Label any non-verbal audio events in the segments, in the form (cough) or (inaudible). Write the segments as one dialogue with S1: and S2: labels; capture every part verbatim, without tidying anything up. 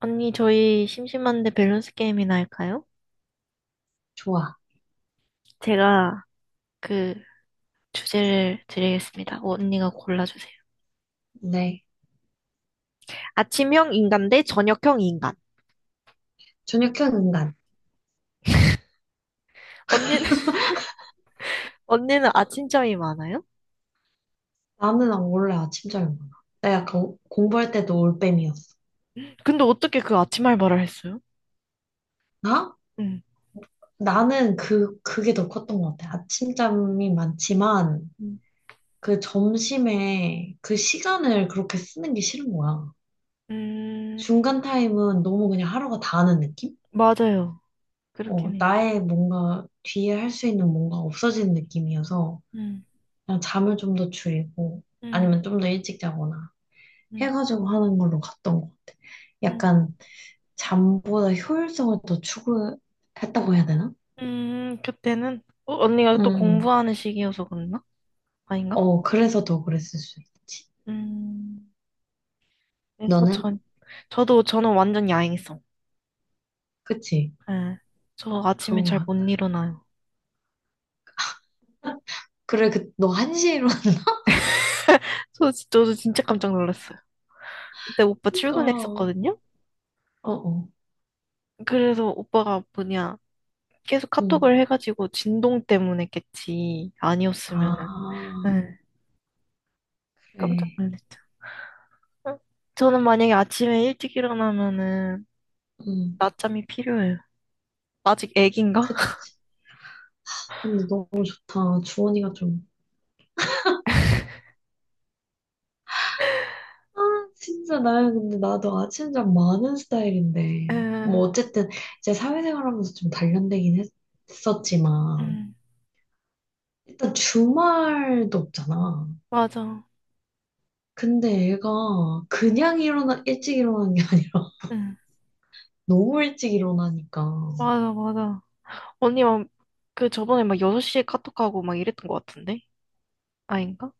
S1: 언니, 저희 심심한데 밸런스 게임이나 할까요?
S2: 좋아.
S1: 제가 그 주제를 드리겠습니다. 언니가 골라주세요.
S2: 네.
S1: 아침형 인간 대 저녁형 인간.
S2: 저녁형 인간.
S1: 언니는, (laughs)
S2: (laughs)
S1: 언니는 아침잠이 많아요?
S2: 나는 안래 아침 잘 먹어. 나 약간 공부할 때도 올빼미였어.
S1: 근데 어떻게 그 아침 알바를 했어요?
S2: 나?
S1: 응.
S2: 나는 그, 그게 더 컸던 것 같아. 아침잠이 많지만,
S1: 음.
S2: 그 점심에 그 시간을 그렇게 쓰는 게 싫은 거야.
S1: 음.
S2: 중간 타임은 너무 그냥 하루가 다하는 느낌?
S1: 맞아요. 그렇긴
S2: 어,
S1: 해.
S2: 나의 뭔가 뒤에 할 수 있는 뭔가 없어지는 느낌이어서,
S1: 음,
S2: 그냥 잠을 좀 더 줄이고,
S1: 음,
S2: 아니면 좀 더 일찍 자거나.
S1: 음,
S2: 해가지고 하는 걸로 갔던 것 같아.
S1: 음,
S2: 약간 잠보다 효율성을 더 추구했다고 해야 되나?
S1: 음, 그때는, 어, 언니가 또
S2: 음,
S1: 공부하는 시기여서 그랬나? 아닌가?
S2: 어, 그래서 더 그랬을 수 있지.
S1: 음, 그래서
S2: 너는?
S1: 전, 저도, 저는 완전 야행성.
S2: 그치?
S1: 예. 저 아침에
S2: 그런 거
S1: 잘 못
S2: 같아.
S1: 일어나요.
S2: 그래, 그, 너 한 시에 일어나니까.
S1: 저 진짜, 진짜 깜짝 놀랐어요. 그때 오빠
S2: (laughs) 어,
S1: 출근했었거든요?
S2: 어,
S1: 그래서 오빠가 뭐냐, 계속
S2: 응.
S1: 카톡을 해가지고 진동 때문에겠지. 아니었으면은.
S2: 아,
S1: 예. 깜짝
S2: 그래.
S1: 놀랐죠. 응. 저는 만약에 아침에 일찍 일어나면은
S2: 응,
S1: 낮잠이 필요해요. 아직 애긴가? (laughs)
S2: 그치. 근데 너무 좋다. 주원이가 좀. 아, 진짜 나야. 근데 나도 아침잠 많은 스타일인데. 뭐,
S1: 예.
S2: 어쨌든, 이제 사회생활 하면서 좀 단련되긴 했, 했었지만.
S1: 응,
S2: 일단 주말도 없잖아.
S1: 맞아.
S2: 근데 애가
S1: 응,
S2: 그냥 일어나, 일찍 일어나는 게 아니라 (laughs)
S1: 응.
S2: 너무 일찍 일어나니까.
S1: 맞아, 맞아. 언니, 막, 그 저번에 막 여섯 시에 카톡하고 막 이랬던 것 같은데? 아닌가?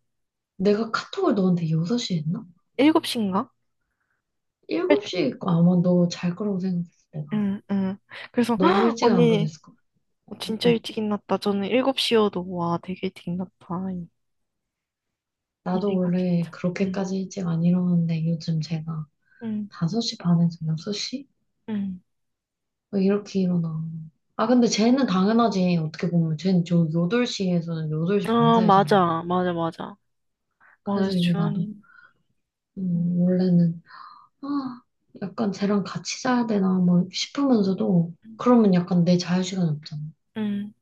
S2: 내가 카톡을 너한테 여섯 시에 했나?
S1: 일곱 시인가? 일-
S2: 일곱 시에 있고 아마 너 잘 거라고 생각했어, 내가.
S1: 응, 응. 그래서,
S2: 너무
S1: "헉,
S2: 일찍 안
S1: 언니,
S2: 보냈을 거야.
S1: 진짜
S2: 응.
S1: 일찍 일어났다. 저는 일곱 시여도, 와, 되게 일찍 일어났다. 이, 이
S2: 나도 원래
S1: 생각했죠. 응,
S2: 그렇게까지 일찍 안 일어나는데 요즘 제가
S1: 응,
S2: 다섯 시 반에서 여섯 시?
S1: 응.
S2: 뭐 이렇게 일어나. 아, 근데 쟤는 당연하지. 어떻게 보면 쟤는 저 여덟 시에서 여덟 시 반
S1: 아,
S2: 사이잖아.
S1: 맞아, 맞아, 맞아. 맞아,
S2: 그래서 이제 나도,
S1: 주원이. 응,
S2: 음, 원래는 아, 약간 쟤랑 같이 자야 되나 뭐 싶으면서도
S1: 응,
S2: 그러면 약간 내 자유시간이 없잖아.
S1: 응,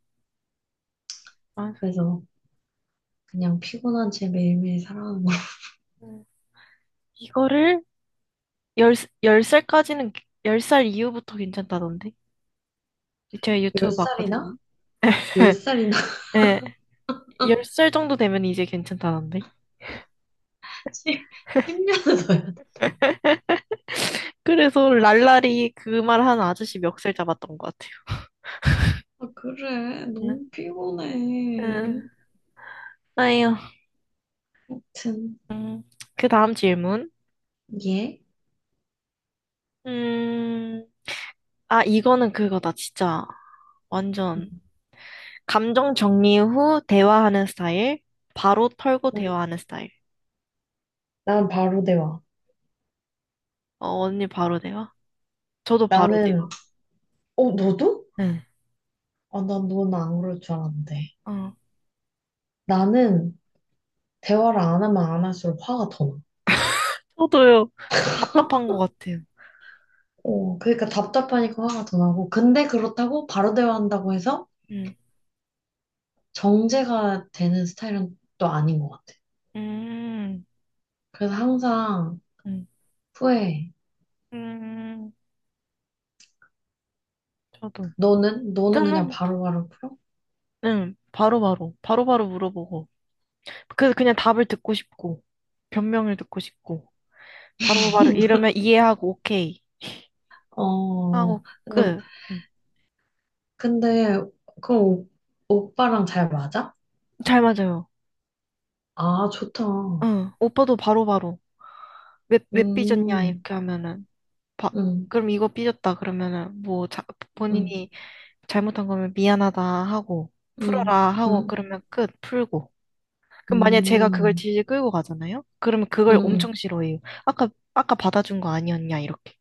S1: 맞아.
S2: 그래서 그냥 피곤한 쟤 매일매일 살아하는거 (laughs)
S1: 응. 이거를 열, 열 살까지는, 열 살 이후부터 괜찮다던데? 제가
S2: 열
S1: 유튜브 봤거든요.
S2: 살이나? 열
S1: (laughs)
S2: 살이나?
S1: 예, 열 살 정도 되면 이제 괜찮다던데?
S2: (laughs) 십, 십 년을 더야 해 돼.
S1: (laughs) 그래서 랄랄이 그 말한 아저씨 멱살 잡았던 것
S2: 아, 그래.
S1: 같아요.
S2: 너무 피곤해.
S1: 음, 아유.
S2: 아무튼,
S1: 음, 그 다음 질문.
S2: 예.
S1: 음, 아, 이거는 그거다, 진짜. 완전. 감정 정리 후 대화하는 스타일. 바로 털고
S2: 응,
S1: 대화하는 스타일.
S2: 난 바로 대화.
S1: 어, 언니 바로 대화? 저도 바로 대화.
S2: 나는, 어, 너도?
S1: 응.
S2: 아, 난 너는 안 그럴 줄 알았는데.
S1: 어,
S2: 나는 대화를 안 하면 안 할수록 화가 더 나.
S1: 저도요. 저 답답한 것 같아요.
S2: 어, 그러니까 답답하니까 화가 더 나고. 근데 그렇다고 바로 대화한다고 해서
S1: 음,
S2: 정제가 되는 스타일은 또 아닌 것 같아.
S1: 음,
S2: 그래서 항상
S1: 음,
S2: 후회해.
S1: 음, 저도.
S2: 너는? 너는 그냥
S1: 저는,
S2: 바로바로 풀어?
S1: 응 바로바로, 바로바로 물어보고. 그, 그냥 답을 듣고 싶고, 변명을 듣고 싶고. 바로바로 이러면 이해하고 오케이
S2: 어,
S1: 하고
S2: 근데,
S1: 끝. 응.
S2: 근데, 그 오, 오빠랑 잘 맞아?
S1: 잘 맞아요.
S2: 아, 좋다.
S1: 응. 오빠도 바로바로 왜, 왜 삐졌냐
S2: 음,
S1: 이렇게 하면은 바,
S2: 음,
S1: 그럼 이거 삐졌다 그러면은 뭐 자,
S2: 음,
S1: 본인이 잘못한 거면 미안하다 하고
S2: 음,
S1: 풀어라
S2: 음,
S1: 하고
S2: 음,
S1: 그러면 끝 풀고. 그럼 만약에 제가 그걸
S2: 음,
S1: 질질 끌고 가잖아요? 그러면 그걸
S2: 음.
S1: 엄청
S2: 음.
S1: 싫어해요. 아까 아까 받아준 거 아니었냐 이렇게.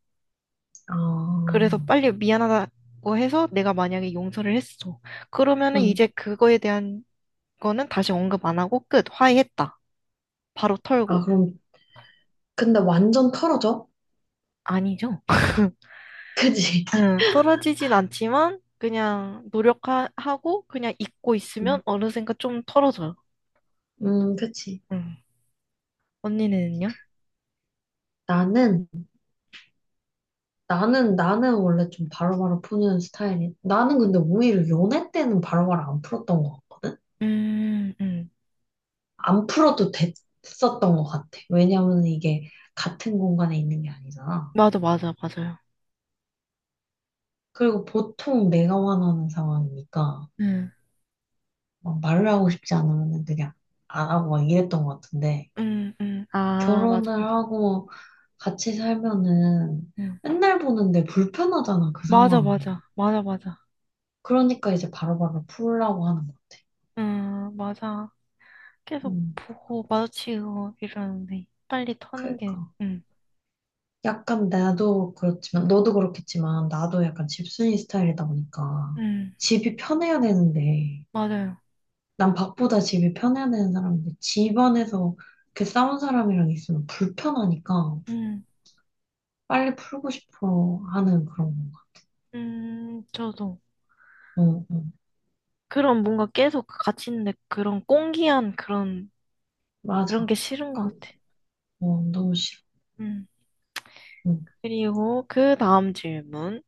S2: 아,
S1: 그래서 빨리 미안하다고 해서 내가 만약에 용서를 했어. 그러면은
S2: 음.
S1: 이제 그거에 대한 그거는 다시 언급 안 하고 끝. 화해했다. 바로
S2: 아,
S1: 털고.
S2: 그럼, 근데 완전 털어져?
S1: 아니죠. (laughs)
S2: (laughs) 그지?
S1: 응, 털어지진 않지만 그냥 노력하고 그냥 잊고 있으면
S2: 음,
S1: 어느샌가 좀 털어져요.
S2: 음, 그치.
S1: 응. 언니는요?
S2: 나는, 나는, 나는 원래 좀 바로바로 푸는 스타일이. 나는 근데 오히려 연애 때는 바로바로 안 풀었던 거.
S1: 음, 음.
S2: 안 풀어도 됐었던 것 같아. 왜냐면 이게 같은 공간에 있는 게 아니잖아.
S1: 맞아, 맞아, 맞아요.
S2: 그리고 보통 내가 원하는 상황이니까
S1: 응,
S2: 막 말을 하고 싶지 않으면 그냥 안 하고 막 이랬던 것 같은데
S1: 음, 응, 아, 맞아,
S2: 결혼을
S1: 맞아.
S2: 하고 같이 살면은
S1: 응.
S2: 맨날 보는데 불편하잖아, 그
S1: 맞아,
S2: 상황이.
S1: 맞아, 맞아, 맞아.
S2: 그러니까 이제 바로바로 풀라고 하는 것 같아.
S1: 응, 맞아. 계속
S2: 음,
S1: 보고 마주치고 이러는데 빨리 터는 게,
S2: 그러니까.
S1: 응,
S2: 약간 나도 그렇지만, 너도 그렇겠지만, 나도 약간 집순이 스타일이다 보니까,
S1: 응,
S2: 집이 편해야 되는데,
S1: 맞아요.
S2: 난 밥보다 집이 편해야 되는 사람인데, 집 안에서 이렇게 싸운 사람이랑 있으면 불편하니까,
S1: 응,
S2: 빨리 풀고 싶어 하는 그런 건가.
S1: 음, 저도.
S2: 응, 응,
S1: 그런 뭔가 계속 같이 있는데 그런 꽁기한 그런, 그런,
S2: 맞아.
S1: 게 싫은 것
S2: 그,
S1: 같아.
S2: 어, 너무 싫어.
S1: 음.
S2: 응,
S1: 그리고 그 다음 질문.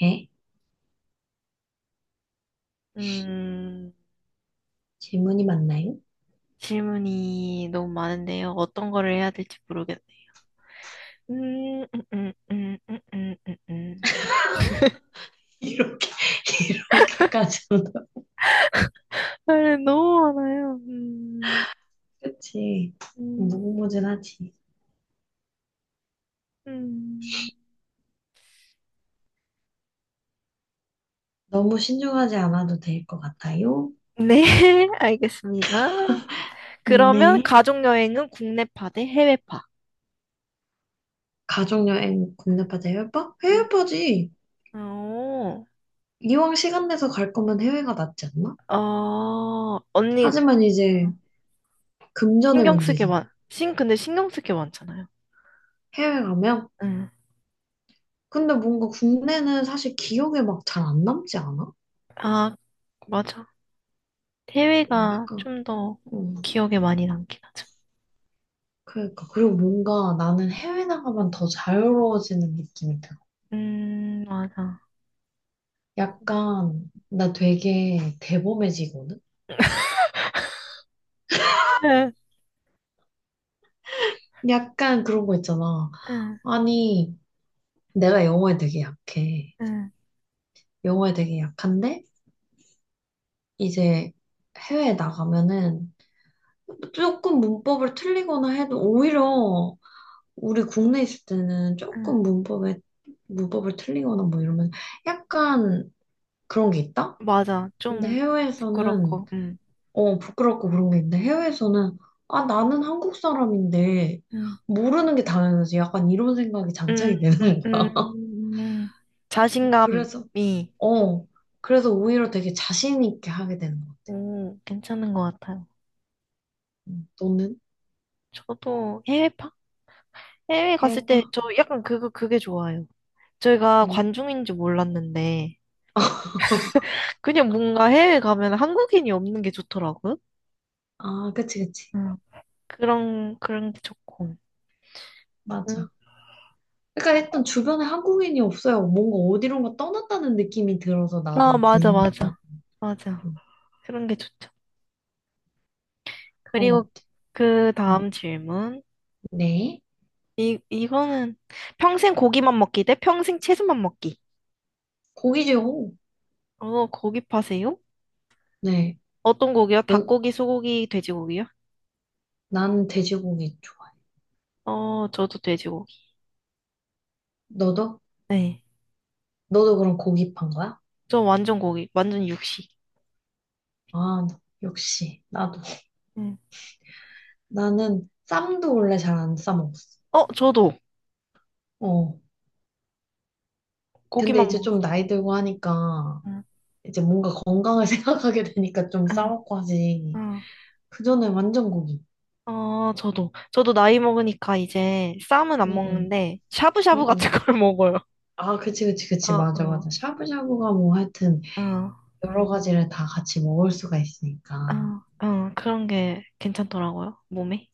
S2: 네?
S1: 음,
S2: 질문이 맞나요?
S1: 질문이 너무 많은데요. 어떤 거를 해야 될지 모르겠네요. 음, 음, 음, 음, 음, 음, 음.
S2: (laughs) 이렇게, 이렇게까지는,
S1: 아, 너무 많아요. 음,
S2: (laughs) 그치.
S1: 음,
S2: 무궁무진하지.
S1: 음.
S2: 너무 신중하지 않아도 될 것 같아요.
S1: 네, (laughs) 알겠습니다. 그러면
S2: 네.
S1: 가족 여행은 국내파 대 해외파.
S2: 가족여행 국내파다 해외파?
S1: 음.
S2: 해외파지.
S1: 어,
S2: 이왕 시간 내서 갈 거면 해외가 낫지 않나?
S1: 어, 언니,
S2: 하지만 이제 금전의
S1: 신경 쓰게
S2: 문제지.
S1: 많, 신, 근데 신경 쓰게 많잖아요.
S2: 해외 가면?
S1: 응.
S2: 근데 뭔가 국내는 사실 기억에 막 잘 안 남지 않아?
S1: 아, 맞아.
S2: 어,
S1: 해외가
S2: 약간,
S1: 좀 더
S2: 어,
S1: 기억에 많이 남긴 하죠.
S2: 그러니까. 그리고 뭔가 나는 해외 나가면 더 자유로워지는 느낌이 들어.
S1: 음, 맞아.
S2: 약간, 나 되게 대범해지거든?
S1: 응,
S2: 약간 그런 거 있잖아.
S1: 응,
S2: 아니, 내가 영어에 되게 약해.
S1: 응,
S2: 영어에 되게 약한데? 이제 해외에 나가면은 조금 문법을 틀리거나 해도 오히려 우리 국내 있을 때는
S1: 응.
S2: 조금 문법에 문법을 틀리거나 뭐 이러면 약간 그런 게 있다?
S1: 맞아.
S2: 근데
S1: 좀
S2: 해외에서는
S1: 부끄럽고, 응.
S2: 어 부끄럽고 그런 게 있는데 해외에서는 아 나는 한국 사람인데
S1: 응,
S2: 모르는 게 당연하지 약간 이런 생각이
S1: 응,
S2: 장착이
S1: 응,
S2: 되는 거야.
S1: 응. 응.
S2: 그래서
S1: 자신감이,
S2: 어 그래서 오히려 되게 자신 있게 하게 되는 것 같아.
S1: 오, 괜찮은 것 같아요.
S2: 음, 너는
S1: 저도 해외파? 해외 갔을
S2: 해봐
S1: 때 저 약간 그거, 그게 좋아요. 저희가
S2: 뭐?
S1: 관중인지 몰랐는데, 그냥 뭔가 해외 가면 한국인이 없는 게 좋더라고요.
S2: 아 그치 그치.
S1: 음. 그런, 그런 게 좋고. 음.
S2: 맞아. 그러니까 일단 주변에 한국인이 없어요. 뭔가 어디론가 떠났다는 느낌이 들어서
S1: 아,
S2: 나도
S1: 맞아,
S2: 궁금하다.
S1: 맞아. 맞아. 그런 게 좋죠.
S2: 그런 것
S1: 그리고 그
S2: 같아.
S1: 다음 질문.
S2: 네.
S1: 이, 이거는 평생 고기만 먹기 대 평생 채소만 먹기.
S2: 고기죠.
S1: 어, 고기 파세요?
S2: 네.
S1: 어떤 고기요?
S2: 넌,
S1: 닭고기, 소고기, 돼지고기요?
S2: 나는 돼지고기 좋아해.
S1: 어, 저도 돼지고기.
S2: 너도?
S1: 네.
S2: 너도 그럼 고기 판 거야?
S1: 저 완전 고기, 완전 육식.
S2: 아, 나- 역시. 나도.
S1: 음.
S2: 나는 쌈도 원래 잘 안 싸먹었어.
S1: 어, 저도
S2: 어. 근데
S1: 고기만
S2: 이제 좀
S1: 먹었어요.
S2: 나이 들고 하니까
S1: 음.
S2: 이제 뭔가 건강을 (laughs) 생각하게 되니까 좀
S1: 응,
S2: 싸먹고 하지.
S1: 응.
S2: 그전에 완전 고기.
S1: 아, 저도. 저도 나이 먹으니까 이제 쌈은 안
S2: 응응.
S1: 먹는데, 샤브샤브 같은
S2: 응응.
S1: 걸 (laughs) 먹어요.
S2: 아, 그치, 그치,
S1: 어,
S2: 그치. 맞아, 맞아.
S1: 어,
S2: 샤브샤브가 뭐 하여튼
S1: 어,
S2: 여러 가지를 다 같이 먹을 수가 있으니까.
S1: 어, 어, 그런 게 괜찮더라고요, 몸에.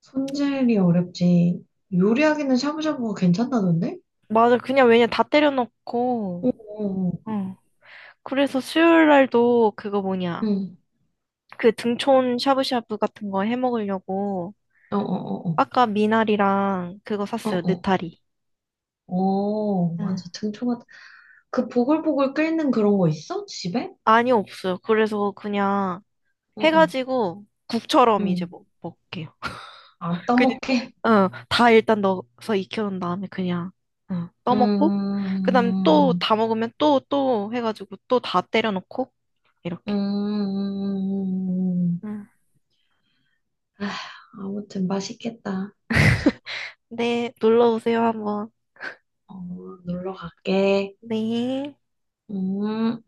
S2: 손질이 어렵지. 요리하기는 샤브샤브가 괜찮다던데?
S1: 맞아, 그냥 왜냐, 다 때려
S2: 어,
S1: 넣고,
S2: 어, 어.
S1: 어 그래서 수요일 날도 그거 뭐냐,
S2: 응.
S1: 그 등촌 샤브샤브 같은 거 해 먹으려고,
S2: 어, 어, 어,
S1: 아까 미나리랑 그거
S2: 어,
S1: 샀어요,
S2: 어,
S1: 느타리.
S2: 어. 어, 맞아.
S1: 응.
S2: 등초가. 그 보글보글 끓는 그런 거 있어? 집에?
S1: 아니, 없어요. 그래서 그냥
S2: 응, 응,
S1: 해가지고 국처럼 이제
S2: 응.
S1: 먹, 먹게요.
S2: 안
S1: 그냥,
S2: 떠먹게?
S1: 어, 다 일단 넣어서 익혀놓은 다음에 그냥, 어, 떠먹고, 그 다음에 또
S2: 음,
S1: 다 먹으면 또, 또 해가지고 또 다 때려넣고, 이렇게.
S2: 음.
S1: 응.
S2: 아, 아무튼 맛있겠다.
S1: 네, 놀러 오세요, 한번.
S2: 어, 놀러 갈게.
S1: 네.
S2: 음.